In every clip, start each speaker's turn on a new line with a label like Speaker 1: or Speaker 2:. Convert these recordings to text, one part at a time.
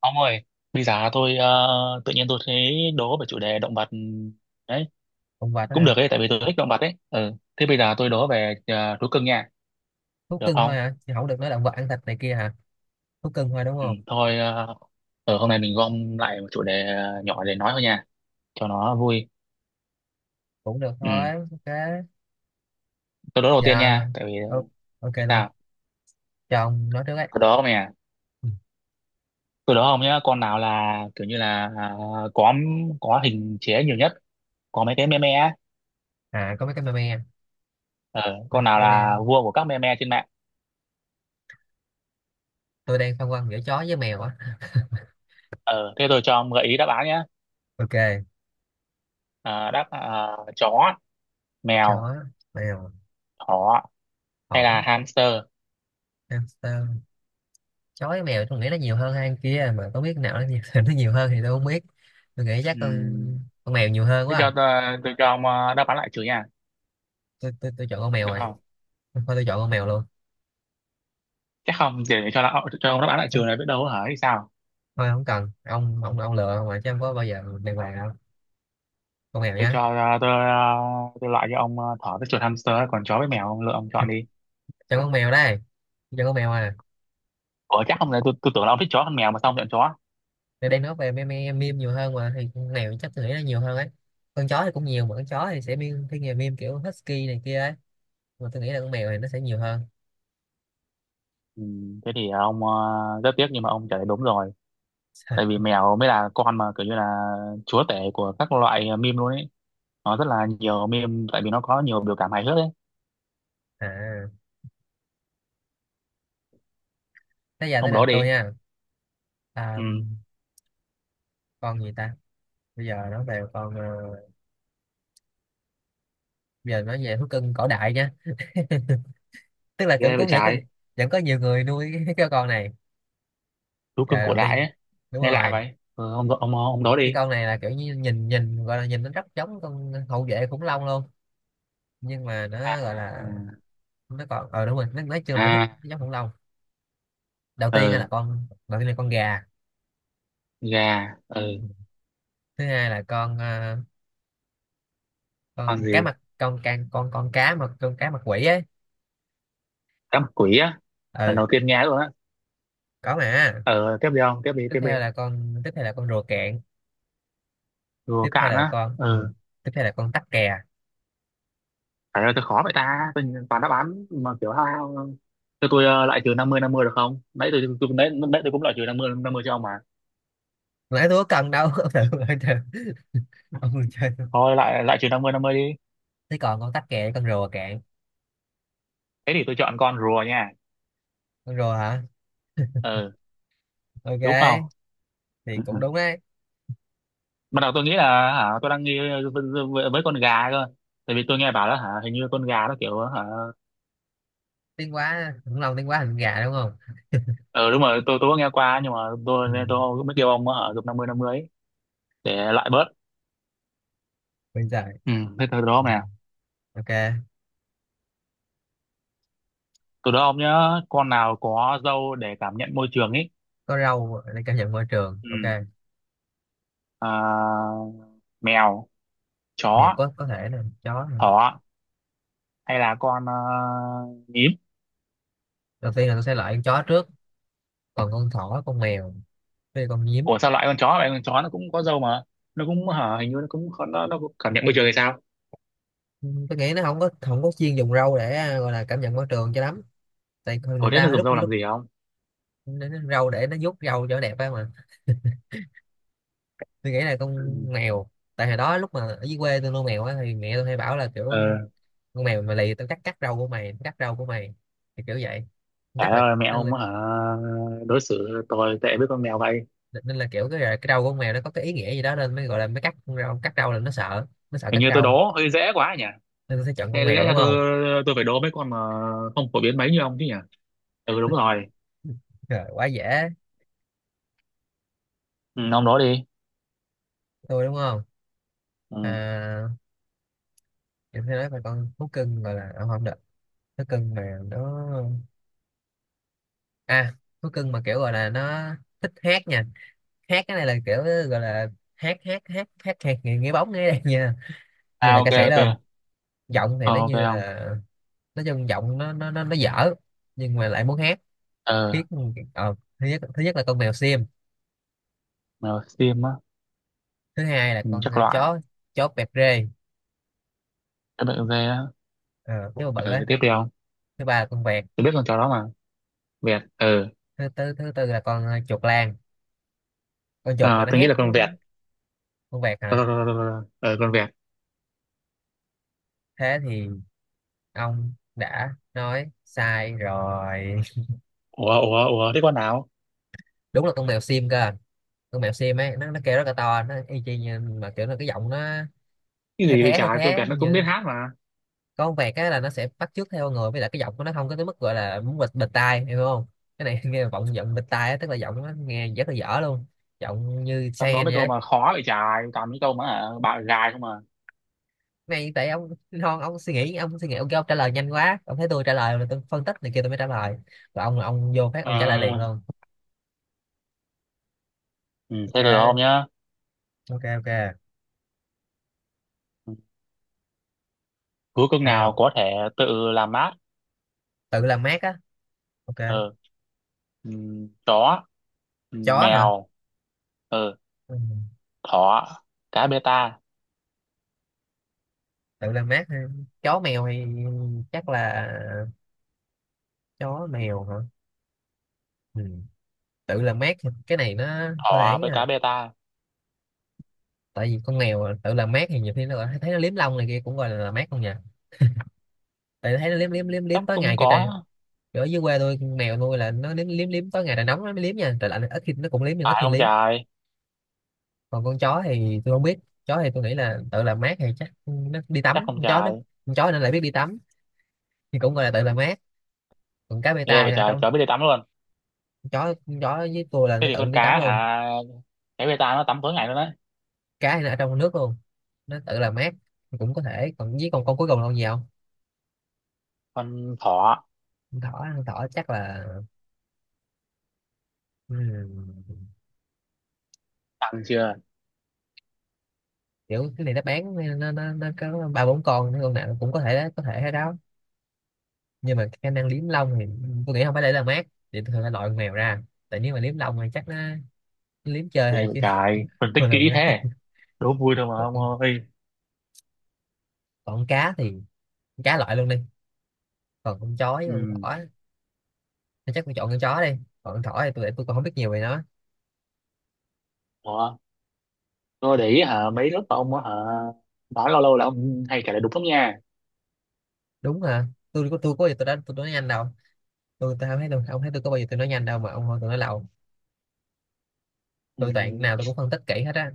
Speaker 1: Ông ơi, bây giờ tôi tự nhiên tôi thấy đố về chủ đề động vật đấy,
Speaker 2: Động vật đó
Speaker 1: cũng
Speaker 2: hả?
Speaker 1: được ấy tại vì tôi thích động vật đấy. Ừ. Thế bây giờ tôi đố về thú cưng nha,
Speaker 2: Thú
Speaker 1: được
Speaker 2: cưng
Speaker 1: không?
Speaker 2: thôi hả, chứ không được nói động vật ăn thịt này kia hả? Thú cưng thôi đúng
Speaker 1: Ừ,
Speaker 2: không?
Speaker 1: thôi, ở hôm nay mình gom lại một chủ đề nhỏ để nói thôi nha, cho nó vui.
Speaker 2: Cũng được
Speaker 1: Ừ.
Speaker 2: thôi, ok.
Speaker 1: Tôi đố đầu tiên
Speaker 2: Dạ.
Speaker 1: nha, tại vì
Speaker 2: Ô- ok
Speaker 1: tại
Speaker 2: luôn.
Speaker 1: sao?
Speaker 2: Cho ông nói trước ấy.
Speaker 1: Tôi đố ông nè,
Speaker 2: Ừ.
Speaker 1: tôi đố ông nhá, con nào là kiểu như là có có hình chế nhiều nhất, có mấy cái meme á.
Speaker 2: À có mấy cái meme.
Speaker 1: Ờ, con
Speaker 2: meme
Speaker 1: nào là
Speaker 2: meme
Speaker 1: vua của các meme trên mạng?
Speaker 2: Tôi đang phân vân giữa chó với mèo á.
Speaker 1: Ờ, thế tôi cho ông gợi ý đáp án nhé.
Speaker 2: Ok.
Speaker 1: Chó,
Speaker 2: Chó,
Speaker 1: mèo,
Speaker 2: mèo,
Speaker 1: thỏ hay
Speaker 2: thỏ,
Speaker 1: là hamster.
Speaker 2: hamster. Chó với mèo tôi nghĩ nó nhiều hơn hai con kia, mà có biết nào nó nhiều, nó nhiều hơn thì tôi không biết. Tôi nghĩ chắc con
Speaker 1: Ừm,
Speaker 2: con mèo nhiều hơn
Speaker 1: thế
Speaker 2: quá
Speaker 1: cho
Speaker 2: à.
Speaker 1: tôi, tôi cho ông đáp án lại trừ nha,
Speaker 2: Tôi chọn con mèo
Speaker 1: được
Speaker 2: rồi.
Speaker 1: không?
Speaker 2: Thôi tôi chọn con mèo luôn.
Speaker 1: Chắc không, cho ông đáp án lại trừ
Speaker 2: Chắc-
Speaker 1: này biết đâu hả hay sao.
Speaker 2: Thôi không cần, ông lựa mà chứ không có bao giờ đàng hoàng đâu. Con mèo
Speaker 1: tôi cho
Speaker 2: nhá.
Speaker 1: ờ, tôi ờ, tôi loại cho ông thỏ với chuột hamster, còn chó với mèo ông lựa, ông chọn đi.
Speaker 2: Cho con mèo đây. Cho con mèo à.
Speaker 1: Ủa chắc không, là tôi tưởng là ông thích chó hơn mèo mà sao ông chọn chó.
Speaker 2: Nên đang nói về meme meme nhiều hơn mà, thì con mèo chắc tôi nghĩ là nhiều hơn ấy. Con chó thì cũng nhiều, mà con chó thì sẽ meme, thiên về meme kiểu husky này kia ấy, mà tôi nghĩ là con mèo thì nó sẽ nhiều hơn.
Speaker 1: Thế thì ông, rất tiếc nhưng mà ông trả lời đúng rồi, tại vì mèo mới là con mà kiểu như là chúa tể của các loại meme luôn ấy. Nó rất là nhiều meme tại vì nó có nhiều biểu cảm hài hước ấy.
Speaker 2: À, thế giờ tới
Speaker 1: Ông
Speaker 2: lượt
Speaker 1: đố
Speaker 2: tôi
Speaker 1: đi.
Speaker 2: nha. à,
Speaker 1: Ừ,
Speaker 2: con gì ta. bây giờ nói về con ờ, Bây giờ nói về thú cưng cổ đại nhá. Tức là cũng
Speaker 1: ghê vậy
Speaker 2: có nghĩa có
Speaker 1: trái.
Speaker 2: vẫn có nhiều người nuôi cái con này.
Speaker 1: Thú cưng
Speaker 2: Giờ
Speaker 1: cổ
Speaker 2: đầu
Speaker 1: đại
Speaker 2: tiên,
Speaker 1: ấy
Speaker 2: đúng
Speaker 1: nghe lạ
Speaker 2: rồi,
Speaker 1: vậy. Ờ, ông đó
Speaker 2: cái
Speaker 1: đi.
Speaker 2: con này là kiểu như nhìn nhìn gọi là nhìn nó rất giống con hậu vệ khủng long luôn. Nhưng mà nó gọi là,
Speaker 1: à
Speaker 2: nó còn đúng rồi, nó nói chung là thích
Speaker 1: à
Speaker 2: giống khủng long.
Speaker 1: ờ
Speaker 2: Đầu tiên là con gà.
Speaker 1: gà,
Speaker 2: Thứ hai là con
Speaker 1: con
Speaker 2: con cá
Speaker 1: gì?
Speaker 2: mặt con can con cá mà con cá mặt quỷ ấy.
Speaker 1: Cá mập quỷ á? Lần
Speaker 2: Ừ.
Speaker 1: đầu tiên nghe luôn á.
Speaker 2: Có mà.
Speaker 1: Ờ tiếp đi ông, tiếp đi, tiếp đi.
Speaker 2: Tiếp theo là con rùa cạn.
Speaker 1: Rùa
Speaker 2: Tiếp theo
Speaker 1: cạn
Speaker 2: là
Speaker 1: á.
Speaker 2: con ừ.
Speaker 1: Ờ.
Speaker 2: Tiếp theo là con tắc kè.
Speaker 1: Phải là tôi khó vậy ta, tôi nhìn toàn đáp án mà kiểu hao hao. Cho tôi lại trừ 50-50 được không, nãy tôi nãy tôi cũng lại trừ 50-50 cho ông mà.
Speaker 2: Nãy tôi có cần đâu. Ông thử ông chơi. Ông còn chơi không?
Speaker 1: Thôi lại lại trừ năm mươi đi.
Speaker 2: Thế còn con tắc kè con rùa cạn.
Speaker 1: Thế thì tôi chọn con rùa nha.
Speaker 2: Con rùa hả?
Speaker 1: Ờ, đúng không?
Speaker 2: Ok. Thì cũng đúng đấy.
Speaker 1: Ban đầu tôi nghĩ là, hả, tôi đang nghi với con gà cơ. Tại vì tôi nghe bảo là, hả, hình như con gà nó kiểu hả.
Speaker 2: Tiếng quá khủng long, tiếng quá thành gà đúng không?
Speaker 1: Ờ đúng rồi, tôi có nghe qua nhưng mà tôi,
Speaker 2: Ừ.
Speaker 1: nên tôi mới kêu ông ở chục 50-50 ấy, để loại bớt.
Speaker 2: Bây giờ.
Speaker 1: Ừ, thế từ đó
Speaker 2: Ừ.
Speaker 1: nè.
Speaker 2: Ok.
Speaker 1: Từ đó ông nhớ con nào có râu để cảm nhận môi trường ấy.
Speaker 2: Có râu để cảm nhận môi trường,
Speaker 1: Ừ.
Speaker 2: ok.
Speaker 1: À, mèo, chó,
Speaker 2: Mèo, có thể là chó nè.
Speaker 1: thỏ hay là con nhím.
Speaker 2: Đầu tiên là tôi sẽ loại con chó trước, còn con thỏ con mèo với con nhím.
Speaker 1: Ủa sao loại con chó vậy? Con chó nó cũng có râu mà. Nó cũng hả, hình như nó cũng, nó cũng cảm nhận môi trường hay sao?
Speaker 2: Ừ, tôi nghĩ nó không có chuyên dùng râu để gọi là cảm nhận môi trường cho lắm. Tại con
Speaker 1: Ủa
Speaker 2: người
Speaker 1: thế nó
Speaker 2: ta
Speaker 1: dùng
Speaker 2: lúc
Speaker 1: râu làm
Speaker 2: lúc
Speaker 1: gì không?
Speaker 2: Nó râu để nó vuốt râu cho đẹp á mà. Tôi nghĩ là con mèo. Tại hồi đó lúc mà ở dưới quê tôi nuôi mèo á thì mẹ tôi hay bảo là kiểu
Speaker 1: Ừ.
Speaker 2: con mèo mà lì tao cắt cắt râu của mày, cắt râu của mày, thì kiểu vậy.
Speaker 1: Trời
Speaker 2: Chắc là.
Speaker 1: ơi mẹ ông hả, đối xử tôi tệ với con mèo vậy.
Speaker 2: Nên là kiểu cái râu của con mèo nó có cái ý nghĩa gì đó, nên mới gọi là mới cắt con râu cắt râu là nó sợ, nó sợ
Speaker 1: Hình
Speaker 2: cắt
Speaker 1: như tôi
Speaker 2: râu.
Speaker 1: đố hơi dễ quá nhỉ,
Speaker 2: Nên nó sẽ chọn con
Speaker 1: lẽ,
Speaker 2: mèo
Speaker 1: lẽ
Speaker 2: đúng
Speaker 1: ra
Speaker 2: không.
Speaker 1: tôi phải đố mấy con mà không phổ biến mấy như ông chứ nhỉ. Ừ đúng rồi.
Speaker 2: Trời, quá dễ.
Speaker 1: Ừ, ông đố đi.
Speaker 2: Tôi đúng không. À,
Speaker 1: Ừ.
Speaker 2: em sẽ nói về con thú cưng gọi là, không được. Thú cưng mà nó, à thú cưng mà kiểu gọi là nó thích hát nha. Hát cái này là kiểu gọi là hát hát hát hát hát nghe bóng nghe đây nha. Như
Speaker 1: À,
Speaker 2: là ca
Speaker 1: ok
Speaker 2: sĩ
Speaker 1: ok.
Speaker 2: luôn. Giọng thì
Speaker 1: Ờ,
Speaker 2: nó
Speaker 1: ok
Speaker 2: như
Speaker 1: ông.
Speaker 2: là, nói chung giọng nó dở, nhưng mà lại muốn hát
Speaker 1: ờ
Speaker 2: thiết. Thứ nhất là con mèo xiêm.
Speaker 1: mèo xiêm á.
Speaker 2: Thứ hai là
Speaker 1: Ừ,
Speaker 2: con
Speaker 1: chắc loại.
Speaker 2: chó, chó vẹt rê.
Speaker 1: Các bạn dê á.
Speaker 2: Ờ, cái bự bự ấy.
Speaker 1: Ờ tiếp đi ông.
Speaker 2: Thứ ba là con vẹt.
Speaker 1: Tôi biết con chó đó mà. Vẹt
Speaker 2: Thứ tư là con chuột lang, con chuột mà
Speaker 1: à,
Speaker 2: nó
Speaker 1: tôi nghĩ
Speaker 2: hét.
Speaker 1: là con vẹt.
Speaker 2: Con vẹt hả?
Speaker 1: Ờ, con vẹt.
Speaker 2: Thế thì ông đã nói sai rồi.
Speaker 1: Ủa ủa ủa thế con nào?
Speaker 2: Đúng là con mèo sim cơ. Con mèo sim ấy, nó kêu rất là to, nó y chang như mà kiểu là cái giọng nó
Speaker 1: Cái
Speaker 2: the
Speaker 1: gì vậy
Speaker 2: thé, the
Speaker 1: trời, con
Speaker 2: thé
Speaker 1: vẹt nó cũng biết
Speaker 2: như
Speaker 1: hát mà.
Speaker 2: con vẹt á là nó sẽ bắt chước theo người, với lại cái giọng của nó không có tới mức gọi là muốn bịt bịt tai hiểu không. Cái này nghe vọng giọng bịt tai á, tức là giọng nó nghe rất là dở luôn. Giọng như
Speaker 1: Trong đó mấy
Speaker 2: Cheyenne vậy
Speaker 1: câu
Speaker 2: á.
Speaker 1: mà khó vậy trời, toàn mấy câu mà hả, bạo gài không mà.
Speaker 2: Này tại ông non, ông suy nghĩ, ông kêu ông trả lời nhanh quá. Ông thấy tôi trả lời là tôi phân tích này kia tôi mới trả lời, và ông là ông vô phát ông trả lời liền
Speaker 1: À,
Speaker 2: luôn.
Speaker 1: ừ, thế được không
Speaker 2: Ok.
Speaker 1: nhá?
Speaker 2: Ok.
Speaker 1: Ừ, cứ cưng nào
Speaker 2: Nào.
Speaker 1: có thể tự làm mát.
Speaker 2: Tự làm mát á, ok.
Speaker 1: Ờ, ừ, chó, ừ,
Speaker 2: Chó hả?
Speaker 1: mèo, ờ,
Speaker 2: Ừ.
Speaker 1: thỏ, cá bê ta.
Speaker 2: Tự làm mát ha. Chó mèo thì, chắc là chó
Speaker 1: Ừ,
Speaker 2: mèo hả. Ừ. Tự làm mát thì cái này nó hơi
Speaker 1: thỏ
Speaker 2: ấy
Speaker 1: với
Speaker 2: à.
Speaker 1: cá bê ta.
Speaker 2: Tại vì con mèo tự làm mát thì nhiều khi nó thấy nó liếm lông này kia cũng gọi là làm mát không nhỉ. Tại thấy nó
Speaker 1: Ừ,
Speaker 2: liếm liếm liếm
Speaker 1: chắc
Speaker 2: liếm tối
Speaker 1: cũng
Speaker 2: ngày cái trời.
Speaker 1: có.
Speaker 2: Kiểu ở dưới quê tôi mèo nuôi là nó liếm liếm liếm tối ngày, trời nóng nó mới liếm nha, trời lạnh ít khi nó cũng liếm nhưng ít
Speaker 1: Phải
Speaker 2: khi
Speaker 1: không
Speaker 2: liếm.
Speaker 1: trời?
Speaker 2: Còn con chó thì tôi không biết. Chó thì tôi nghĩ là tự làm mát, hay chắc nó đi
Speaker 1: Chắc
Speaker 2: tắm,
Speaker 1: không
Speaker 2: con chó nó,
Speaker 1: trời.
Speaker 2: con chó nó lại biết đi tắm thì cũng gọi là tự làm mát. Còn cá bê
Speaker 1: Ghê
Speaker 2: tai
Speaker 1: vậy
Speaker 2: là ở
Speaker 1: trời,
Speaker 2: trong,
Speaker 1: chó biết đi tắm luôn.
Speaker 2: con chó với tôi là
Speaker 1: Thế
Speaker 2: nó
Speaker 1: thì
Speaker 2: tự
Speaker 1: con
Speaker 2: đi tắm
Speaker 1: cá
Speaker 2: luôn.
Speaker 1: hả? Cá bê ta nó tắm tối ngày luôn đấy.
Speaker 2: Cá thì nó ở trong nước luôn, nó tự làm mát thì cũng có thể. Còn với con cuối cùng là con gì không.
Speaker 1: Con thỏ,
Speaker 2: Con thỏ, con thỏ chắc là, ừm,
Speaker 1: tắm chưa?
Speaker 2: kiểu cái này nó bán, nó có ba bốn con nào cũng có thể hết đó. Nhưng mà khả năng liếm lông thì tôi nghĩ không phải để làm mát, thì tôi phải loại con mèo ra. Tại nếu mà liếm lông thì chắc nó liếm chơi
Speaker 1: Ghê
Speaker 2: thôi
Speaker 1: vậy
Speaker 2: chứ
Speaker 1: trời. Phân tích
Speaker 2: không làm
Speaker 1: kỹ
Speaker 2: mát.
Speaker 1: thế. Đố vui thôi mà
Speaker 2: còn,
Speaker 1: ông ơi.
Speaker 2: Còn con cá thì, con cá loại luôn đi. Còn con chó con
Speaker 1: Ừ.
Speaker 2: thỏ thì chắc tôi chọn con chó đi. Còn con thỏ thì tôi còn không biết nhiều về nó.
Speaker 1: Ủa? Tôi để ý hả, mấy lớp ông á hả, nói lâu lâu là ông hay kể lại đúng lắm nha.
Speaker 2: Đúng hả. Tôi có, tôi có gì tôi đã tôi nói nhanh đâu. Tôi không thấy tôi, ông thấy tôi có bao giờ tôi nói nhanh đâu mà ông hỏi tôi nói lâu.
Speaker 1: Ừ.
Speaker 2: Tôi toàn nào tôi cũng phân tích kỹ hết á.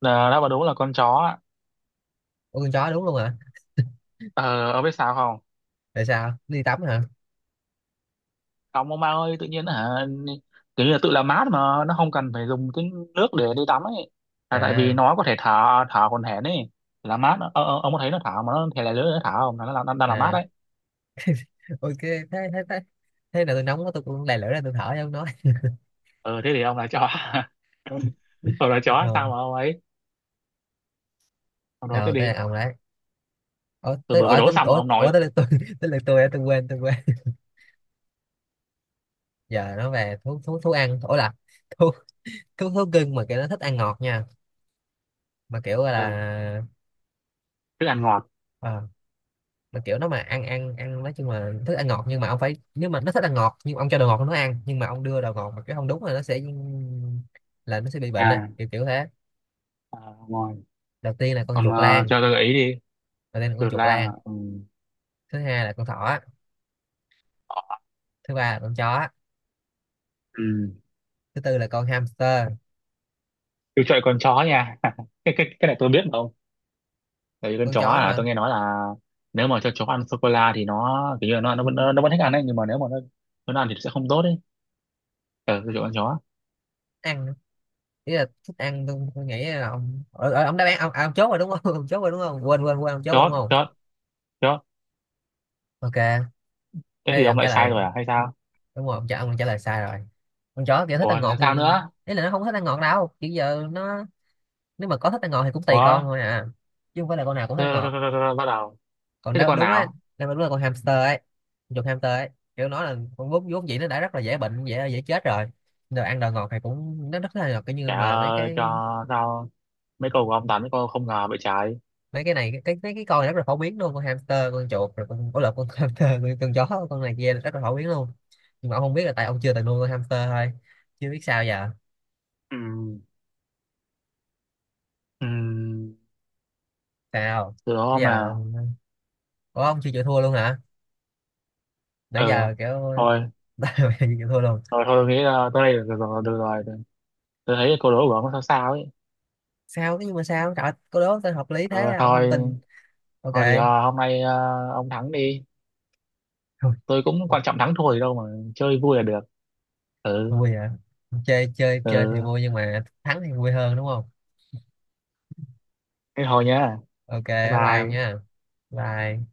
Speaker 1: Là nó mà đúng là con chó á.
Speaker 2: Ủa con chó đúng luôn hả?
Speaker 1: Ờ, ông biết sao không?
Speaker 2: Tại sao đi tắm hả?
Speaker 1: Ông Mao ơi, tự nhiên hả, kiểu như là tự làm mát mà nó không cần phải dùng cái nước để đi tắm ấy, là tại vì
Speaker 2: À.
Speaker 1: nó có thể thở. Thở còn hển ấy, làm mát. Ờ, ông có thấy nó thở mà nó thể là lưỡi nó thở không, là nó đang đang làm mát
Speaker 2: À,
Speaker 1: đấy.
Speaker 2: ok. Thế. Thế nào tôi nóng quá tôi cũng đè lửa ra tôi thở cho ông nói.
Speaker 1: Ờ thế thì ông là chó. Ông là chó
Speaker 2: Ờ.
Speaker 1: sao mà ông ấy, ông nói thế
Speaker 2: Đâu tới
Speaker 1: đi.
Speaker 2: là ông đấy. ủa
Speaker 1: Tôi
Speaker 2: tới
Speaker 1: vừa mới
Speaker 2: ủa
Speaker 1: đố
Speaker 2: tới
Speaker 1: xong mà
Speaker 2: ủa,
Speaker 1: ông
Speaker 2: ủa
Speaker 1: nói.
Speaker 2: tới lượt tôi. Tới lượt tôi á, tôi quên. Giờ nó về thú thú thú ăn ủa là thú thú thú cưng mà kiểu nó thích ăn ngọt nha, mà kiểu gọi
Speaker 1: ờ
Speaker 2: là,
Speaker 1: thức ăn ngọt.
Speaker 2: ờ, mà kiểu nó mà ăn ăn ăn nói chung là thích ăn ngọt. Nhưng mà ông phải, nếu mà nó thích ăn ngọt nhưng mà ông cho đồ ngọt nó ăn, nhưng mà ông đưa đồ ngọt mà cái không đúng là nó sẽ bị bệnh á,
Speaker 1: À,
Speaker 2: kiểu kiểu thế.
Speaker 1: à ngồi.
Speaker 2: đầu tiên là con
Speaker 1: Còn
Speaker 2: chuột lang
Speaker 1: cho tôi gợi ý đi.
Speaker 2: Đầu tiên là con
Speaker 1: Chuột
Speaker 2: chuột
Speaker 1: lang à?
Speaker 2: lang.
Speaker 1: Ừ.
Speaker 2: Thứ hai là con thỏ. Thứ ba là con chó.
Speaker 1: Ừ.
Speaker 2: Thứ tư là con hamster.
Speaker 1: Tôi chơi con chó nha. Cái này tôi biết mà ông, tại vì con
Speaker 2: Con
Speaker 1: chó
Speaker 2: chó
Speaker 1: à,
Speaker 2: hả?
Speaker 1: tôi nghe nói là nếu mà cho chó ăn sô cô la thì nó kiểu như là nó vẫn thích ăn đấy, nhưng mà nếu mà nó ăn thì sẽ không tốt đấy. Ờ, tôi chọn con chó.
Speaker 2: Ăn. Ý là thích ăn. Tôi nghĩ là ông ở, ở, ông đáp án ông, ông chốt rồi đúng không? Ông chốt rồi đúng không, quên quên quên ông chốt rồi
Speaker 1: Chó,
Speaker 2: đúng không?
Speaker 1: chó, chó.
Speaker 2: Ok.
Speaker 1: Thế
Speaker 2: Thế
Speaker 1: thì
Speaker 2: thì
Speaker 1: ông
Speaker 2: ông trả
Speaker 1: lại sai
Speaker 2: lời,
Speaker 1: rồi à hay sao?
Speaker 2: đúng rồi, ông trả lời sai rồi. Con chó kiểu thích ăn
Speaker 1: Ủa là
Speaker 2: ngọt
Speaker 1: sao
Speaker 2: thì,
Speaker 1: nữa?
Speaker 2: ý là nó không thích ăn ngọt đâu, kiểu giờ nó, nếu mà có thích ăn ngọt thì cũng tùy
Speaker 1: Ủa
Speaker 2: con thôi à, chứ không phải là con nào cũng thích ăn
Speaker 1: rồi, rồi, rồi,
Speaker 2: ngọt.
Speaker 1: rồi, rồi, bắt đầu.
Speaker 2: Còn
Speaker 1: Thế thì
Speaker 2: nếu
Speaker 1: con
Speaker 2: đúng á,
Speaker 1: nào?
Speaker 2: nếu mà đúng là con hamster ấy, con chuột hamster ấy, kiểu nó là con vốn vốn dĩ nó đã rất là dễ bệnh, dễ dễ chết rồi, rồi ăn đồ ngọt thì cũng nó rất là ngọt cái như
Speaker 1: Chả
Speaker 2: mà mấy cái,
Speaker 1: cho sao. Mấy câu của ông toàn mấy câu không ngờ vậy trái.
Speaker 2: mấy cái này cái mấy cái con này rất là phổ biến luôn. Con hamster, con chuột, rồi con có lợn, con hamster, con chó con này kia rất là phổ biến luôn. Nhưng mà ông không biết là tại ông chưa từng nuôi con hamster thôi. Chưa biết sao giờ.
Speaker 1: Ừ. Ừ,
Speaker 2: Sao.
Speaker 1: từ đó
Speaker 2: Bây
Speaker 1: ông
Speaker 2: giờ
Speaker 1: nào.
Speaker 2: ông... Ủa, ông chưa chịu thua luôn hả? Nãy
Speaker 1: Ừ,
Speaker 2: giờ kiểu
Speaker 1: thôi.
Speaker 2: bây giờ chưa chịu thua luôn.
Speaker 1: Thôi thôi, tôi nghĩ là tới đây được rồi, được rồi. Tôi thấy câu đố của ông nó sao sao ấy.
Speaker 2: Sao thế, nhưng mà sao trời ơi, cô đố tên hợp lý thế
Speaker 1: Ờ,
Speaker 2: ông không
Speaker 1: thôi,
Speaker 2: tin. Ok.
Speaker 1: thôi thì hôm nay ông thắng đi.
Speaker 2: Thôi.
Speaker 1: Tôi cũng quan trọng thắng thua gì đâu mà, chơi vui là được. Ừ,
Speaker 2: Vui hả. Chơi chơi chơi thì
Speaker 1: ừ.
Speaker 2: vui, nhưng mà thắng thì vui hơn đúng không.
Speaker 1: Thế thôi nhá.
Speaker 2: Ok,
Speaker 1: Bye
Speaker 2: bye bye ông
Speaker 1: bye.
Speaker 2: nha. Bye.